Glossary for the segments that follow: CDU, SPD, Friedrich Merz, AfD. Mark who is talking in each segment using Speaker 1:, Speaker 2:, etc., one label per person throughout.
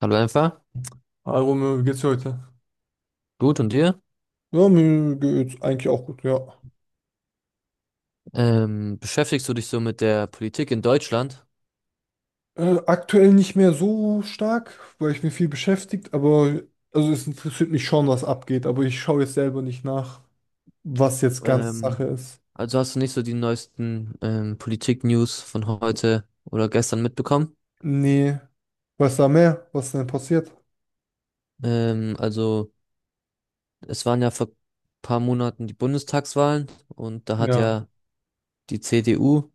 Speaker 1: Hallo einfach.
Speaker 2: Hi Romeo, wie geht's dir heute?
Speaker 1: Gut, und dir?
Speaker 2: Ja, mir geht's eigentlich auch gut, ja.
Speaker 1: Beschäftigst du dich so mit der Politik in Deutschland?
Speaker 2: Aktuell nicht mehr so stark, weil ich mir viel beschäftigt, aber also es interessiert mich schon, was abgeht, aber ich schaue jetzt selber nicht nach, was jetzt ganz
Speaker 1: Ähm,
Speaker 2: Sache ist.
Speaker 1: also hast du nicht so die neuesten Politik-News von heute oder gestern mitbekommen?
Speaker 2: Nee. Was da mehr? Was denn passiert?
Speaker 1: Also es waren ja vor paar Monaten die Bundestagswahlen, und da hat
Speaker 2: Ja.
Speaker 1: ja die CDU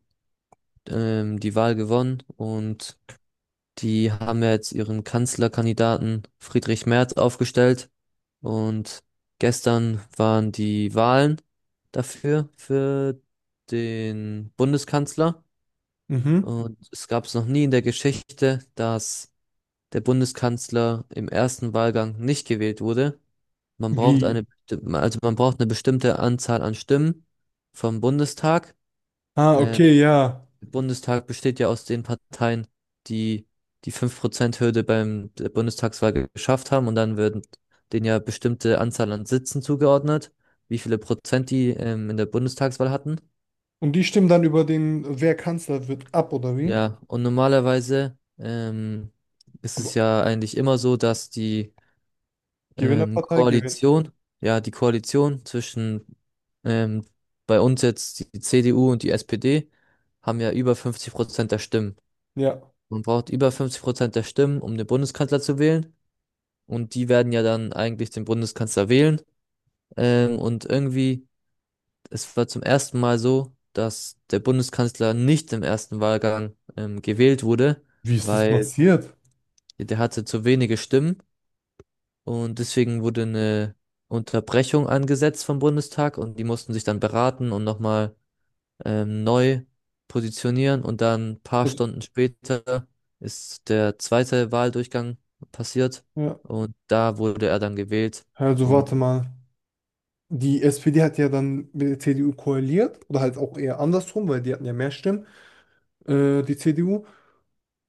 Speaker 1: die Wahl gewonnen. Und die haben ja jetzt ihren Kanzlerkandidaten Friedrich Merz aufgestellt, und gestern waren die Wahlen dafür, für den Bundeskanzler.
Speaker 2: Mhm.
Speaker 1: Und es gab es noch nie in der Geschichte, dass der Bundeskanzler im ersten Wahlgang nicht gewählt wurde. Man braucht
Speaker 2: Wie?
Speaker 1: also man braucht eine bestimmte Anzahl an Stimmen vom Bundestag.
Speaker 2: Ah,
Speaker 1: äh,
Speaker 2: okay, ja.
Speaker 1: Bundestag besteht ja aus den Parteien, die die 5% hürde beim der Bundestagswahl geschafft haben, und dann werden denen ja bestimmte Anzahl an Sitzen zugeordnet, wie viele Prozent die in der Bundestagswahl hatten.
Speaker 2: Und die stimmen dann über den, wer Kanzler wird, ab, oder wie?
Speaker 1: Ja, und normalerweise ist es
Speaker 2: Aber
Speaker 1: ja eigentlich immer so, dass die
Speaker 2: Gewinnerpartei gewinnt.
Speaker 1: Koalition, ja, die Koalition zwischen ähm, bei uns jetzt die CDU und die SPD haben ja über 50% der Stimmen.
Speaker 2: Ja.
Speaker 1: Man braucht über 50% der Stimmen, um den Bundeskanzler zu wählen. Und die werden ja dann eigentlich den Bundeskanzler wählen. Und irgendwie, es war zum ersten Mal so, dass der Bundeskanzler nicht im ersten Wahlgang gewählt wurde,
Speaker 2: Wie ist das
Speaker 1: weil
Speaker 2: passiert?
Speaker 1: der hatte zu wenige Stimmen. Und deswegen wurde eine Unterbrechung angesetzt vom Bundestag, und die mussten sich dann beraten und nochmal neu positionieren, und dann ein paar
Speaker 2: Also,
Speaker 1: Stunden später ist der zweite Wahldurchgang passiert,
Speaker 2: ja.
Speaker 1: und da wurde er dann gewählt.
Speaker 2: Also
Speaker 1: Und
Speaker 2: warte mal. Die SPD hat ja dann mit der CDU koaliert oder halt auch eher andersrum, weil die hatten ja mehr Stimmen, die CDU.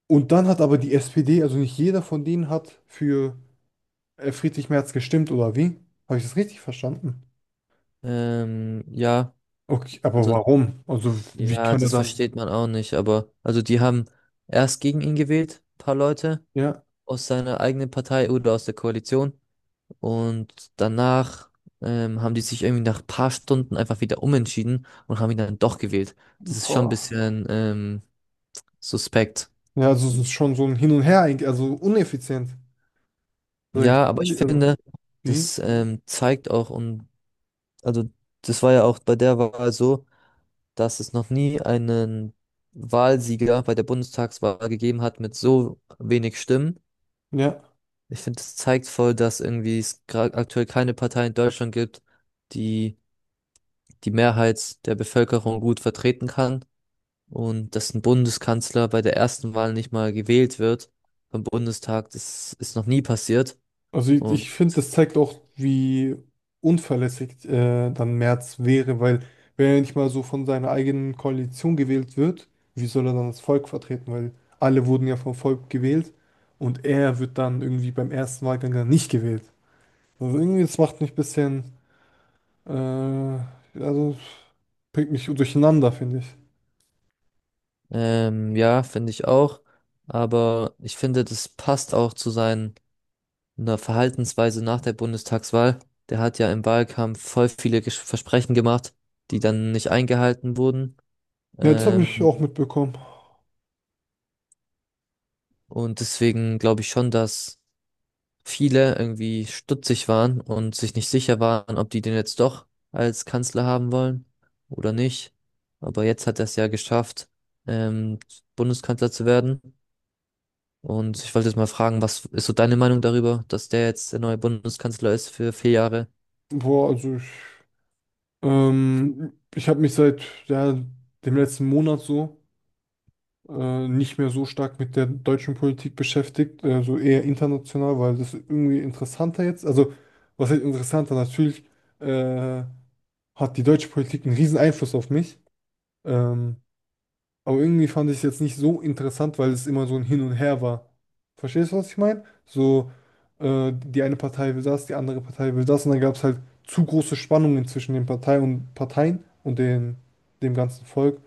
Speaker 2: Und dann hat aber die SPD, also nicht jeder von denen hat für Friedrich Merz gestimmt oder wie? Habe ich das richtig verstanden?
Speaker 1: ja,
Speaker 2: Okay, aber
Speaker 1: also
Speaker 2: warum? Also wie
Speaker 1: ja,
Speaker 2: kann er
Speaker 1: das
Speaker 2: dann?
Speaker 1: versteht man auch nicht, aber also die haben erst gegen ihn gewählt, paar Leute
Speaker 2: Ja,
Speaker 1: aus seiner eigenen Partei oder aus der Koalition, und danach haben die sich irgendwie nach paar Stunden einfach wieder umentschieden und haben ihn dann doch gewählt. Das ist schon ein
Speaker 2: boah.
Speaker 1: bisschen suspekt.
Speaker 2: Ja, also es ist schon so ein Hin und Her, eigentlich, also uneffizient. Also, ich,
Speaker 1: Ja, aber ich
Speaker 2: also
Speaker 1: finde,
Speaker 2: wie?
Speaker 1: das zeigt auch, und also das war ja auch bei der Wahl so, dass es noch nie einen Wahlsieger bei der Bundestagswahl gegeben hat mit so wenig Stimmen.
Speaker 2: Ja.
Speaker 1: Ich finde, das zeigt voll, dass irgendwie es gerade aktuell keine Partei in Deutschland gibt, die die Mehrheit der Bevölkerung gut vertreten kann, und dass ein Bundeskanzler bei der ersten Wahl nicht mal gewählt wird vom Bundestag. Das ist noch nie passiert,
Speaker 2: Also ich,
Speaker 1: und
Speaker 2: ich finde, das zeigt auch, wie unverlässig dann Merz wäre, weil wenn er nicht mal so von seiner eigenen Koalition gewählt wird, wie soll er dann das Volk vertreten? Weil alle wurden ja vom Volk gewählt und er wird dann irgendwie beim ersten Wahlgang dann nicht gewählt. Also irgendwie, das macht mich ein bisschen, also bringt mich durcheinander, finde ich.
Speaker 1: Ja, finde ich auch. Aber ich finde, das passt auch zu seiner Verhaltensweise nach der Bundestagswahl. Der hat ja im Wahlkampf voll viele Versprechen gemacht, die dann nicht eingehalten wurden.
Speaker 2: Ja, das habe
Speaker 1: Ähm,
Speaker 2: ich mhm auch mitbekommen.
Speaker 1: und deswegen glaube ich schon, dass viele irgendwie stutzig waren und sich nicht sicher waren, ob die den jetzt doch als Kanzler haben wollen oder nicht. Aber jetzt hat er es ja geschafft, ähm, Bundeskanzler zu werden. Und ich wollte jetzt mal fragen, was ist so deine Meinung darüber, dass der jetzt der neue Bundeskanzler ist für 4 Jahre?
Speaker 2: Boah, also ich, ich habe mich seit ja, dem letzten Monat so nicht mehr so stark mit der deutschen Politik beschäftigt, so eher international, weil das irgendwie interessanter jetzt. Also, was heißt interessanter? Natürlich äh, hat die deutsche Politik einen riesen Einfluss auf mich. Ähm, aber irgendwie fand ich es jetzt nicht so interessant, weil es immer so ein Hin und Her war. Verstehst du, was ich meine? Die eine Partei will das, die andere Partei will das und dann gab es halt zu große Spannungen zwischen den Parteien und Parteien und dem ganzen Volk.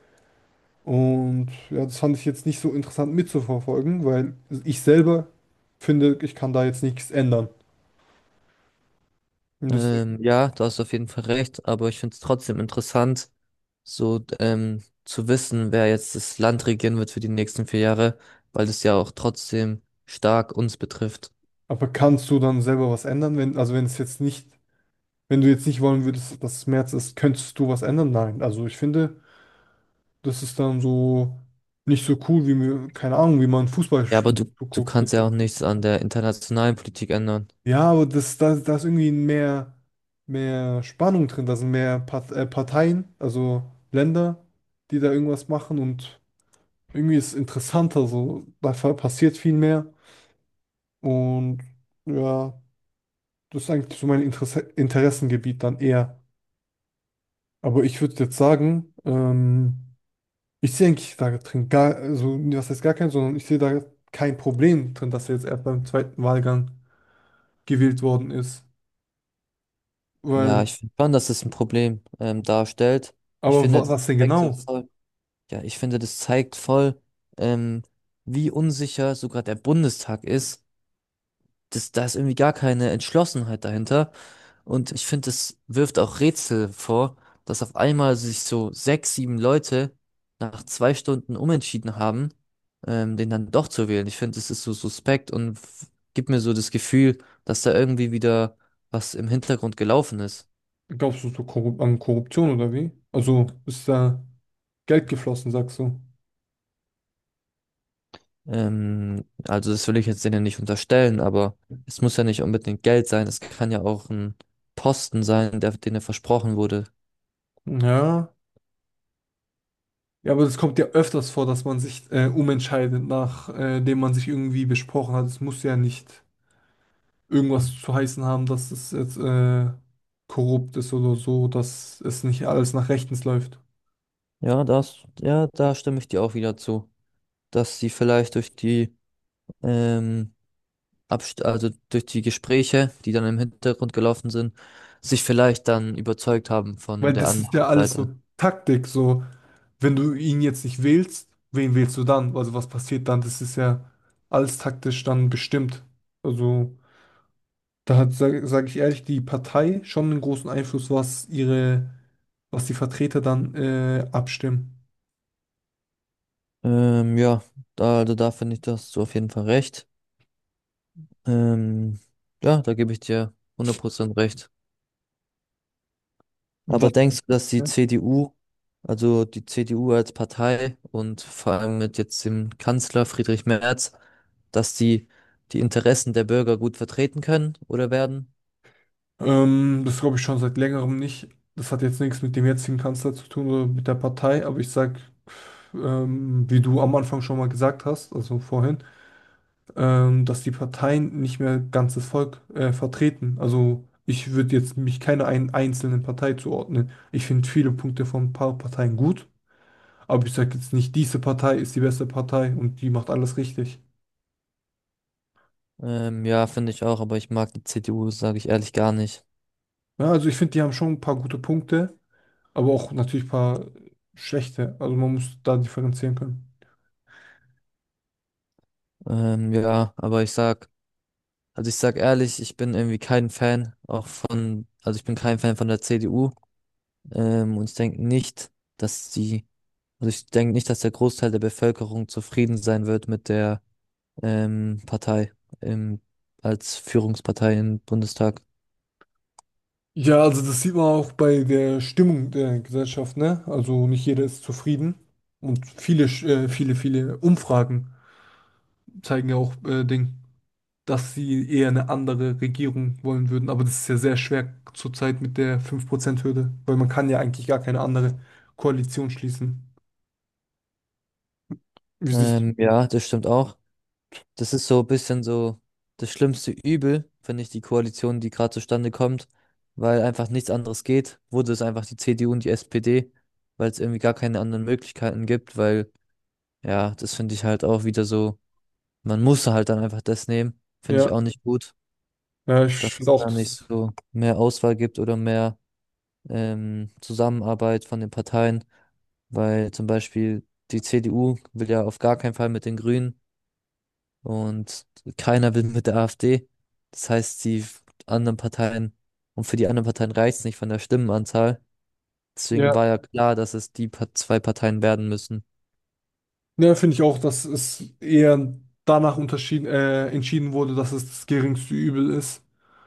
Speaker 2: Und ja, das fand ich jetzt nicht so interessant mitzuverfolgen, weil ich selber finde, ich kann da jetzt nichts ändern. Und deswegen,
Speaker 1: Ja, da hast du auf jeden Fall recht, aber ich finde es trotzdem interessant, so zu wissen, wer jetzt das Land regieren wird für die nächsten 4 Jahre, weil das ja auch trotzdem stark uns betrifft.
Speaker 2: aber kannst du dann selber was ändern, wenn, also wenn es jetzt nicht, wenn du jetzt nicht wollen würdest, dass es März ist, könntest du was ändern? Nein. Also ich finde, das ist dann so nicht so cool, wie mir, keine Ahnung, wie man Fußball
Speaker 1: Ja, aber
Speaker 2: sch-
Speaker 1: du
Speaker 2: guckt.
Speaker 1: kannst ja auch nichts an der internationalen Politik ändern.
Speaker 2: Ja, aber da ist irgendwie mehr Spannung drin, da sind mehr Parteien, also Länder, die da irgendwas machen und irgendwie ist es interessanter, so da passiert viel mehr und ja, das ist eigentlich so mein Interessengebiet dann eher. Aber ich würde jetzt sagen, ich sehe eigentlich da drin gar, also was heißt gar kein, sondern ich sehe da kein Problem drin, dass er jetzt erst beim zweiten Wahlgang gewählt worden ist.
Speaker 1: Ja,
Speaker 2: Weil,
Speaker 1: ich finde schon, dass es ein Problem darstellt. Ich
Speaker 2: aber wa
Speaker 1: finde, das
Speaker 2: was denn
Speaker 1: zeigt
Speaker 2: genau?
Speaker 1: so voll. Ja, ich finde, das zeigt voll, ähm, wie unsicher sogar der Bundestag ist. Das, da ist irgendwie gar keine Entschlossenheit dahinter. Und ich finde, das wirft auch Rätsel vor, dass auf einmal sich so sechs, sieben Leute nach 2 Stunden umentschieden haben, den dann doch zu wählen. Ich finde, das ist so suspekt und gibt mir so das Gefühl, dass da irgendwie wieder was im Hintergrund gelaufen ist.
Speaker 2: Glaubst du so korrup an Korruption oder wie? Also ist da Geld geflossen, sagst du?
Speaker 1: Also das will ich jetzt denen nicht unterstellen, aber es muss ja nicht unbedingt Geld sein. Es kann ja auch ein Posten sein, der denen versprochen wurde.
Speaker 2: Ja. Ja, aber es kommt ja öfters vor, dass man sich umentscheidet, nachdem man sich irgendwie besprochen hat. Es muss ja nicht irgendwas zu heißen haben, dass es jetzt korrupt ist oder so, dass es nicht alles nach rechtens läuft.
Speaker 1: Ja, das, ja, da stimme ich dir auch wieder zu, dass sie vielleicht durch die, ähm, Abst also durch die Gespräche, die dann im Hintergrund gelaufen sind, sich vielleicht dann überzeugt haben von
Speaker 2: Weil
Speaker 1: der
Speaker 2: das ist ja
Speaker 1: anderen
Speaker 2: alles
Speaker 1: Seite.
Speaker 2: so Taktik, so wenn du ihn jetzt nicht wählst, wen wählst du dann? Also was passiert dann? Das ist ja alles taktisch dann bestimmt. Also da hat, sag ich ehrlich, die Partei schon einen großen Einfluss, was was die Vertreter dann abstimmen.
Speaker 1: Ja, da, also da finde ich, da hast du auf jeden Fall recht. Ähm, ja, da gebe ich dir 100% recht. Aber denkst du, dass die
Speaker 2: Ja.
Speaker 1: CDU, also die CDU als Partei und vor allem mit jetzt dem Kanzler Friedrich Merz, dass die die Interessen der Bürger gut vertreten können oder werden?
Speaker 2: Das glaube ich schon seit längerem nicht. Das hat jetzt nichts mit dem jetzigen Kanzler zu tun oder mit der Partei, aber ich sag, wie du am Anfang schon mal gesagt hast, also vorhin, dass die Parteien nicht mehr ganzes Volk vertreten. Also ich würde jetzt mich keiner einen einzelnen Partei zuordnen. Ich finde viele Punkte von ein paar Parteien gut, aber ich sage jetzt nicht, diese Partei ist die beste Partei und die macht alles richtig.
Speaker 1: Ja, finde ich auch, aber ich mag die CDU, sage ich ehrlich, gar nicht.
Speaker 2: Ja, also ich finde, die haben schon ein paar gute Punkte, aber auch natürlich ein paar schlechte. Also man muss da differenzieren können.
Speaker 1: Ja, aber ich sag, also ich sag ehrlich, ich bin irgendwie kein Fan auch von, also ich bin kein Fan von der CDU. Und ich denke nicht, dass die, also ich denke nicht, dass der Großteil der Bevölkerung zufrieden sein wird mit der Partei im, als Führungspartei im Bundestag.
Speaker 2: Ja, also das sieht man auch bei der Stimmung der Gesellschaft, ne? Also nicht jeder ist zufrieden. Und viele Umfragen zeigen ja auch Ding, dass sie eher eine andere Regierung wollen würden. Aber das ist ja sehr schwer zurzeit mit der 5% hürde weil man kann ja eigentlich gar keine andere Koalition schließen. Wie siehst du?
Speaker 1: Ja, das stimmt auch. Das ist so ein bisschen so das schlimmste Übel, finde ich, die Koalition, die gerade zustande kommt, weil einfach nichts anderes geht. Wurde es einfach die CDU und die SPD, weil es irgendwie gar keine anderen Möglichkeiten gibt, weil, ja, das finde ich halt auch wieder so, man muss halt dann einfach das nehmen. Finde ich
Speaker 2: Ja,
Speaker 1: auch nicht gut,
Speaker 2: ja, ich
Speaker 1: dass
Speaker 2: finde
Speaker 1: es
Speaker 2: auch
Speaker 1: da nicht
Speaker 2: das.
Speaker 1: so mehr Auswahl gibt oder mehr. Zusammenarbeit von den Parteien, weil zum Beispiel die CDU will ja auf gar keinen Fall mit den Grünen, und keiner will mit der AfD. Das heißt, die anderen Parteien, und für die anderen Parteien reicht es nicht von der Stimmenanzahl.
Speaker 2: Ja.
Speaker 1: Deswegen war ja klar, dass es die pa 2 Parteien werden müssen.
Speaker 2: Ja, finde ich auch, dass es eher danach entschieden wurde, dass es das geringste Übel ist.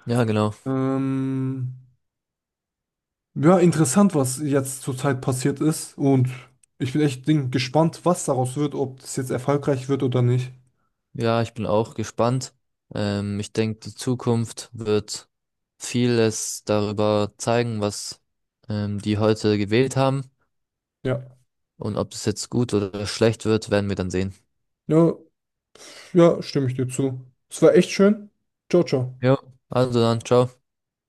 Speaker 1: Ja, genau.
Speaker 2: Ähm, ja, interessant, was jetzt zurzeit passiert ist. Und ich bin echt gespannt, was daraus wird, ob das jetzt erfolgreich wird oder nicht.
Speaker 1: Ja, ich bin auch gespannt. Ich denke, die Zukunft wird vieles darüber zeigen, was die heute gewählt haben.
Speaker 2: Ja.
Speaker 1: Und ob das jetzt gut oder schlecht wird, werden wir dann sehen.
Speaker 2: Ja, ja, stimme ich dir zu. Es war echt schön. Ciao, ciao.
Speaker 1: Ja. Also dann, ciao.